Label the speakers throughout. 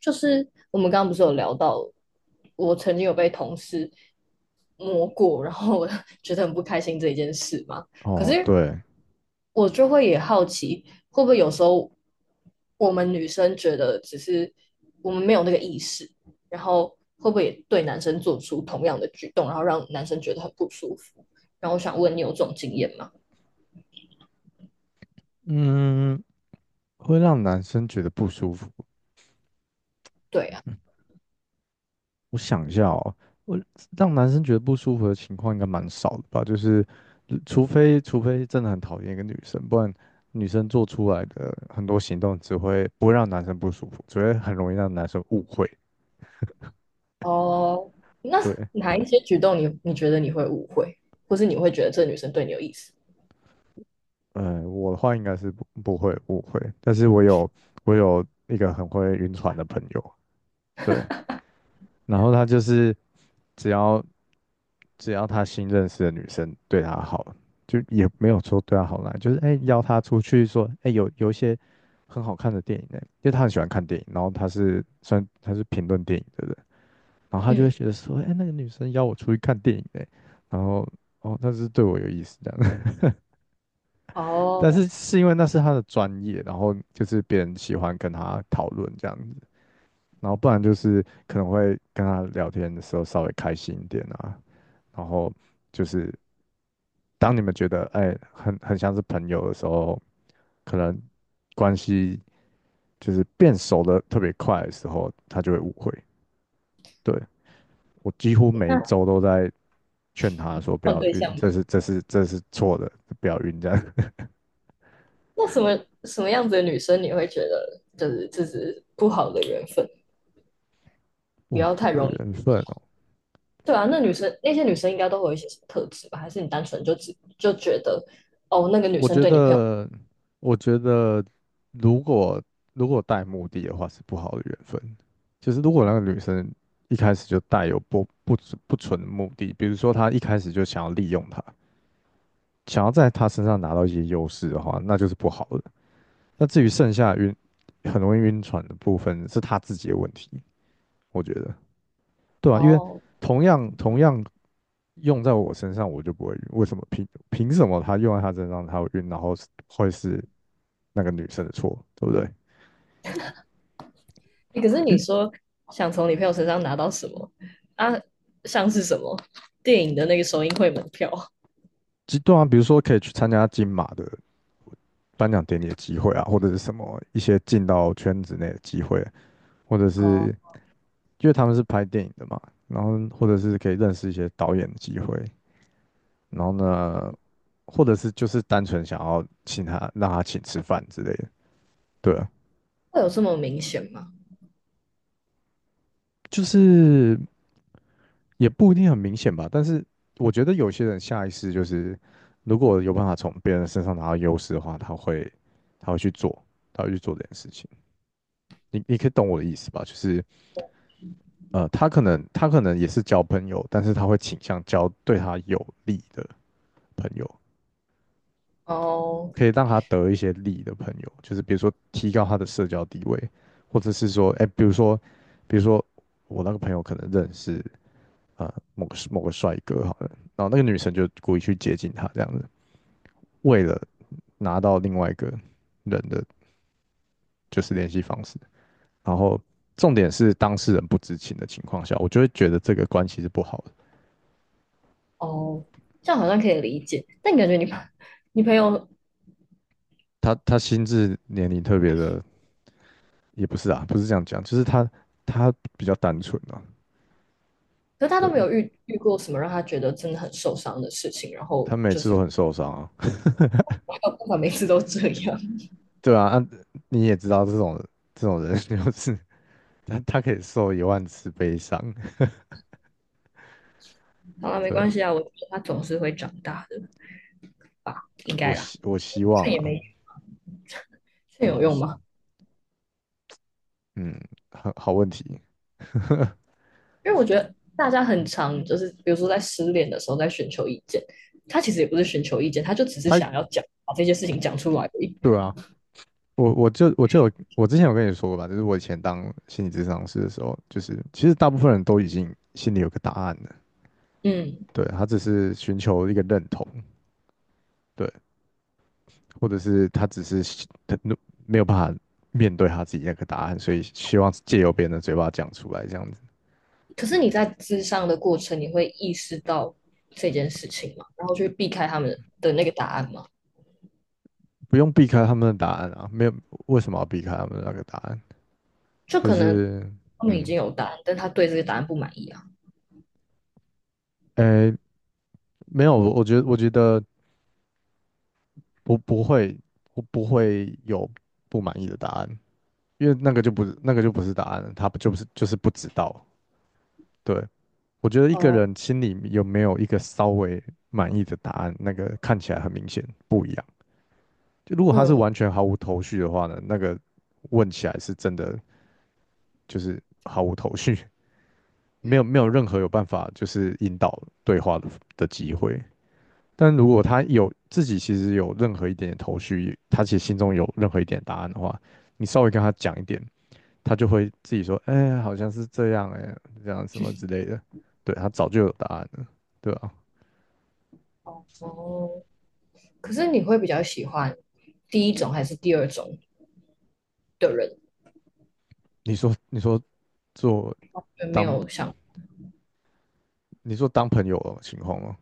Speaker 1: 就是我们刚刚不是有聊到，我曾经有被同事摸过，然后我 觉得很不开心这一件事吗？可
Speaker 2: 哦，
Speaker 1: 是
Speaker 2: 对，
Speaker 1: 我就会也好奇，会不会有时候我们女生觉得只是我们没有那个意识，然后会不会也对男生做出同样的举动，然后让男生觉得很不舒服？然后我想问你有这种经验吗？
Speaker 2: 嗯，会让男生觉得不舒服。
Speaker 1: 对啊。
Speaker 2: 我想一下哦，我让男生觉得不舒服的情况应该蛮少的吧？就是除非真的很讨厌一个女生，不然女生做出来的很多行动只会不会让男生不舒服，只会很容易让男生误会。
Speaker 1: 哦，那
Speaker 2: 对，
Speaker 1: 哪一些举动你觉得你会误会，或是你会觉得这女生对你有意思？
Speaker 2: 我的话应该是不会误会，但是我有一个很会晕船的朋友。对，然后他就是只要只要他新认识的女生对他好，就也没有说对他好啦，就是哎、邀他出去说哎、有一些很好看的电影呢、因为他很喜欢看电影，然后他是算他是评论电影的人，然后他就会
Speaker 1: 嗯。
Speaker 2: 觉得说哎、那个女生邀我出去看电影呢、然后哦她是对我有意思这样。但
Speaker 1: 哦，
Speaker 2: 是是因为那是他的专业，然后就是别人喜欢跟他讨论这样子。然后不然就是可能会跟他聊天的时候稍微开心一点啊，然后就是当你们觉得哎很像是朋友的时候，可能关系就是变熟的特别快的时候，他就会误会。对，我几乎每一
Speaker 1: 那
Speaker 2: 周都在劝他说不
Speaker 1: 换
Speaker 2: 要
Speaker 1: 对
Speaker 2: 晕，
Speaker 1: 象吗？
Speaker 2: 这是错的，不要晕这样。
Speaker 1: 那什么样子的女生你会觉得就是这是不好的缘分，不
Speaker 2: 哇，
Speaker 1: 要
Speaker 2: 好
Speaker 1: 太
Speaker 2: 的
Speaker 1: 容易？
Speaker 2: 缘分哦。
Speaker 1: 对啊，那女生那些女生应该都会有一些什么特质吧？还是你单纯就觉得哦，那个女
Speaker 2: 我
Speaker 1: 生
Speaker 2: 觉
Speaker 1: 对你朋友。
Speaker 2: 得，我觉得如果如果带目的的话是不好的缘分。就是如果那个女生一开始就带有不纯的目的，比如说她一开始就想要利用他，想要在他身上拿到一些优势的话，那就是不好的。那至于剩下晕很容易晕船的部分，是她自己的问题，我觉得。对啊，因为
Speaker 1: 哦？
Speaker 2: 同样用在我身上，我就不会晕。为什么凭什么他用在他身上他会晕，然后是会是那个女生的错，对不对？
Speaker 1: 欸可是你
Speaker 2: 诶
Speaker 1: 说想从你朋友身上拿到什么啊？像是什么电影的那个首映会门票。
Speaker 2: 极端啊，比如说可以去参加金马的颁奖典礼的机会啊，或者是什么一些进到圈子内的机会，或者
Speaker 1: 哦，
Speaker 2: 是因为他们是拍电影的嘛，然后或者是可以认识一些导演的机会，然后呢，或者是就是单纯想要请他让他请吃饭之类的，对啊。
Speaker 1: 会有这么明显吗？
Speaker 2: 就是也不一定很明显吧，但是我觉得有些人下意识就是，如果有办法从别人身上拿到优势的话，他会去做，他会去做这件事情。你你可以懂我的意思吧？就是他可能也是交朋友，但是他会倾向交对他有利的朋友，
Speaker 1: 哦。
Speaker 2: 可以让他得一些利的朋友，就是比如说提高他的社交地位，或者是说，哎，比如说我那个朋友可能认识啊。某个帅哥好了，然后那个女生就故意去接近他这样子，为了拿到另外一个人的就是联系方式，然后重点是当事人不知情的情况下，我就会觉得这个关系是不好的。
Speaker 1: 哦，这样好像可以理解，但感觉你朋 你朋友
Speaker 2: 他他心智年龄特别的也不是啊，不是这样讲，就是他他比较单纯啊。
Speaker 1: 可是他都没
Speaker 2: 对，
Speaker 1: 有遇过什么让他觉得真的很受伤的事情，然后
Speaker 2: 他每
Speaker 1: 就
Speaker 2: 次都
Speaker 1: 是
Speaker 2: 很受伤啊，
Speaker 1: 我还有办法每次都这样。
Speaker 2: 对啊。啊，你也知道这种这种人 就是他他可以受1万次悲伤。
Speaker 1: 好了，没
Speaker 2: 对
Speaker 1: 关
Speaker 2: 啊，
Speaker 1: 系啊，我觉得他总是会长大的吧，应
Speaker 2: 我
Speaker 1: 该啦。
Speaker 2: 希我希望
Speaker 1: 劝也
Speaker 2: 啦，
Speaker 1: 没劝
Speaker 2: 对
Speaker 1: 有
Speaker 2: 啊，
Speaker 1: 用吗？
Speaker 2: 嗯，很好问题，
Speaker 1: 因为我觉得大家很常就是，比如说在失恋的时候在寻求意见，他其实也不是寻求意见，他就只是
Speaker 2: 他
Speaker 1: 想要讲把这些事情讲出来而已。
Speaker 2: 对啊，我就有我之前有跟你说过吧，就是我以前当心理咨商师的时候，就是其实大部分人都已经心里有个答案了。
Speaker 1: 嗯。
Speaker 2: 对，他只是寻求一个认同。对，或者是他只是没有办法面对他自己那个答案，所以希望借由别人的嘴巴讲出来，这样子
Speaker 1: 可是你在咨商的过程，你会意识到这件事情吗？然后去避开他们的那个答案吗？
Speaker 2: 不用避开他们的答案啊，没有为什么要避开他们的那个答案？
Speaker 1: 就
Speaker 2: 就
Speaker 1: 可能
Speaker 2: 是
Speaker 1: 他们已经
Speaker 2: 嗯，
Speaker 1: 有答案，但他对这个答案不满意啊。
Speaker 2: 诶，没有，我觉得我觉得不会，我不会有不满意的答案。因为那个就不是答案了，他不就不是就是不知道。对，我觉得一个
Speaker 1: 哦。
Speaker 2: 人心里有没有一个稍微满意的答案，那个看起来很明显不一样。就如果他是
Speaker 1: 嗯。
Speaker 2: 完全毫无头绪的话呢，那个问起来是真的就是毫无头绪，没有任何有办法就是引导对话的机会。但如果他有自己其实有任何一点点头绪，他其实心中有任何一点答案的话，你稍微跟他讲一点，他就会自己说，哎、好像是这样、哎，这样什么之类的。对，他早就有答案了，对啊。
Speaker 1: 哦，可是你会比较喜欢第一种还是第二种的人？
Speaker 2: 你说做
Speaker 1: 就没
Speaker 2: 当，
Speaker 1: 有想。
Speaker 2: 你说当朋友的情况吗？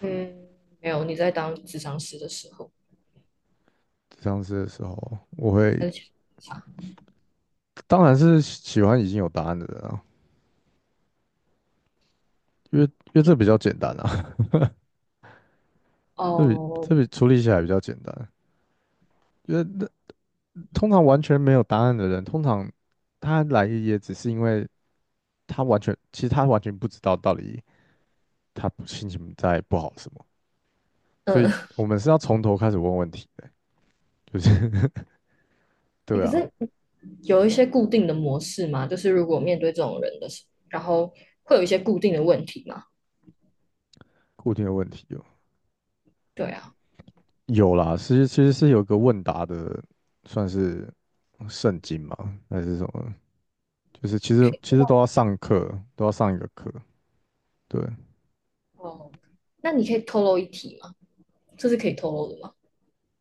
Speaker 1: 嗯。没有，你在当智商师的时候，
Speaker 2: 上次的时候，我会
Speaker 1: 还是其实差。
Speaker 2: 当然是喜欢已经有答案的人啊，因为这比较简单啊，这比
Speaker 1: 哦。
Speaker 2: 这比处理起来比较简单。因为那通常完全没有答案的人，通常他来也只是因为他完全，其实他完全不知道到底他心情在不好什么。所
Speaker 1: 嗯。
Speaker 2: 以 我们是要从头开始问问题的，就是
Speaker 1: 欸
Speaker 2: 对
Speaker 1: 可
Speaker 2: 啊。
Speaker 1: 是有一些固定的模式吗？就是如果面对这种人的时候，然后会有一些固定的问题吗？
Speaker 2: 固定的问题有
Speaker 1: 对啊。
Speaker 2: 有啦，其实是有个问答的，算是圣经嘛，还是什么？就是其实都要上课，都要上一个课，对，
Speaker 1: 哦，那你可以透露一题吗？这是可以透露的吗？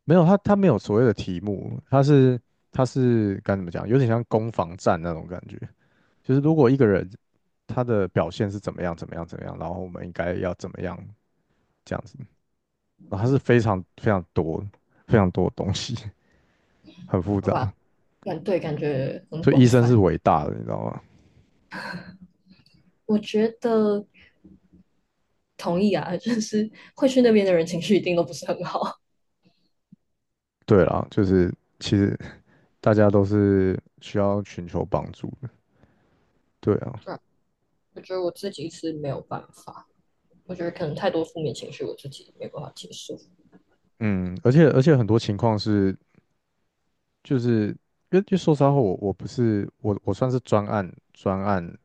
Speaker 2: 没有他他没有所谓的题目，他是他是该怎么讲，有点像攻防战那种感觉，就是如果一个人他的表现是怎么样怎么样怎么样，然后我们应该要怎么样这样子，然后它是非常非常多的东西，很复
Speaker 1: 好吧，
Speaker 2: 杂。
Speaker 1: 感对，感觉很
Speaker 2: 所以医
Speaker 1: 广
Speaker 2: 生是
Speaker 1: 泛。
Speaker 2: 伟大的，你知道吗？
Speaker 1: 我觉得同意啊，就是会去那边的人情绪一定都不是很好。
Speaker 2: 对啦，就是其实大家都是需要寻求帮助的，对啊。
Speaker 1: 对啊，我觉得我自己是没有办法，我觉得可能太多负面情绪，我自己没办法接受。
Speaker 2: 嗯，而且很多情况是，就是因为说实话，我我不是我我算是专案，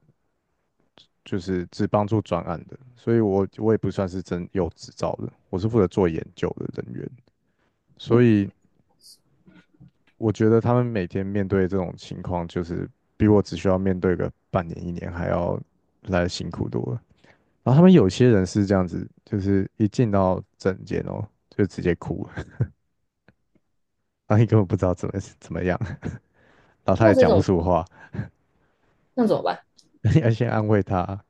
Speaker 2: 就是只帮助专案的，所以我我也不算是真有执照的，我是负责做研究的人员，所以我觉得他们每天面对这种情况，就是比我只需要面对个半年1年还要来得辛苦多了。然后他们有些人是这样子，就是一进到诊间哦，就直接哭了，然后你根本不知道怎么怎么样，然后他
Speaker 1: 那
Speaker 2: 也
Speaker 1: 这
Speaker 2: 讲不
Speaker 1: 种
Speaker 2: 出话。
Speaker 1: 那怎么办？
Speaker 2: 你要先安慰他，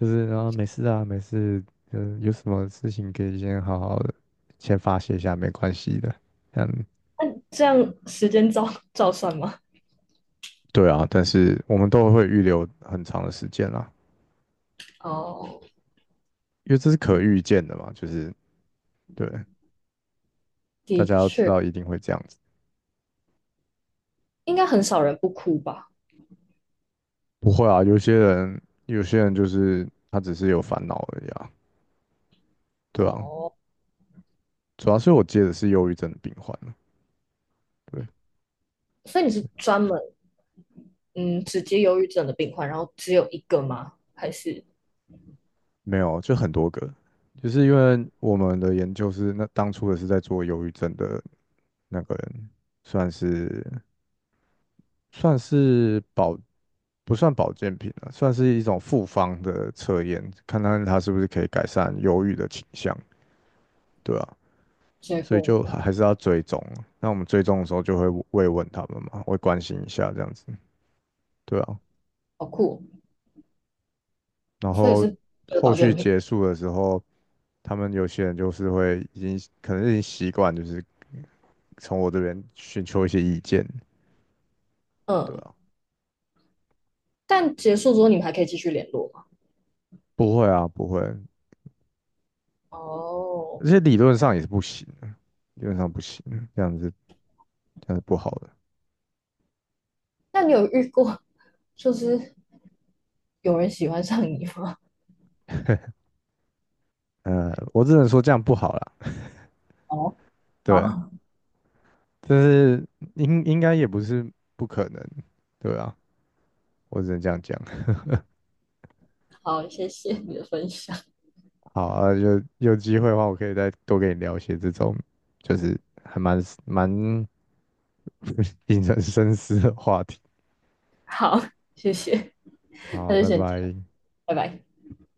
Speaker 2: 就是然后没事啊，没事，嗯，有什么事情可以先好好的先发泄一下，没关系的。嗯，
Speaker 1: 那这样时间照照算吗？
Speaker 2: 对啊，但是我们都会预留很长的时间啦，
Speaker 1: 哦。
Speaker 2: 因为这是可
Speaker 1: 嗯。
Speaker 2: 预见的嘛，就是对，大
Speaker 1: 的
Speaker 2: 家要知
Speaker 1: 确
Speaker 2: 道一定会这样子。
Speaker 1: 应该很少人不哭吧？
Speaker 2: 不会啊，有些人就是他只是有烦恼而已啊，对啊。
Speaker 1: 哦，
Speaker 2: 主要是我接的是忧郁症的病患了，对，
Speaker 1: 所以你是
Speaker 2: 是
Speaker 1: 专门嗯只接忧郁症的病患，然后只有一个吗？还是
Speaker 2: 没有，就很多个，就是因为我们的研究是那当初也是在做忧郁症的那个人，算是算是保不算保健品了，算是一种复方的测验，看看它是不是可以改善忧郁的倾向，对啊。
Speaker 1: 结
Speaker 2: 所以
Speaker 1: 果
Speaker 2: 就
Speaker 1: 呢？
Speaker 2: 还是要追踪，那我们追踪的时候就会慰问他们嘛，会关心一下这样子，对啊。
Speaker 1: 好酷哦，
Speaker 2: 然
Speaker 1: 所以
Speaker 2: 后
Speaker 1: 是为了
Speaker 2: 后
Speaker 1: 保
Speaker 2: 续
Speaker 1: 健品。
Speaker 2: 结束的时候。他们有些人就是会已经可能已经习惯，就是从我这边寻求一些意见，对
Speaker 1: 嗯。
Speaker 2: 啊。
Speaker 1: 但结束之后你们还可以继续联络吗？
Speaker 2: 不会啊，不会，
Speaker 1: 哦，
Speaker 2: 而且理论上也是不行的，理论上不行，这样子这样子不好的。
Speaker 1: 那你有遇过就是有人喜欢上你吗？
Speaker 2: 我只能说这样不好啦，
Speaker 1: 哦。
Speaker 2: 对，
Speaker 1: 好。
Speaker 2: 但是应该也不是不可能，对啊，我只能这样讲。
Speaker 1: 好，谢谢你的分享。
Speaker 2: 好啊，有机会的话，我可以再多跟你聊一些这种，就是还蛮引人深思的话题。
Speaker 1: 好，谢谢，
Speaker 2: 好啊，
Speaker 1: 那就
Speaker 2: 拜
Speaker 1: 先这样，
Speaker 2: 拜。
Speaker 1: 拜拜。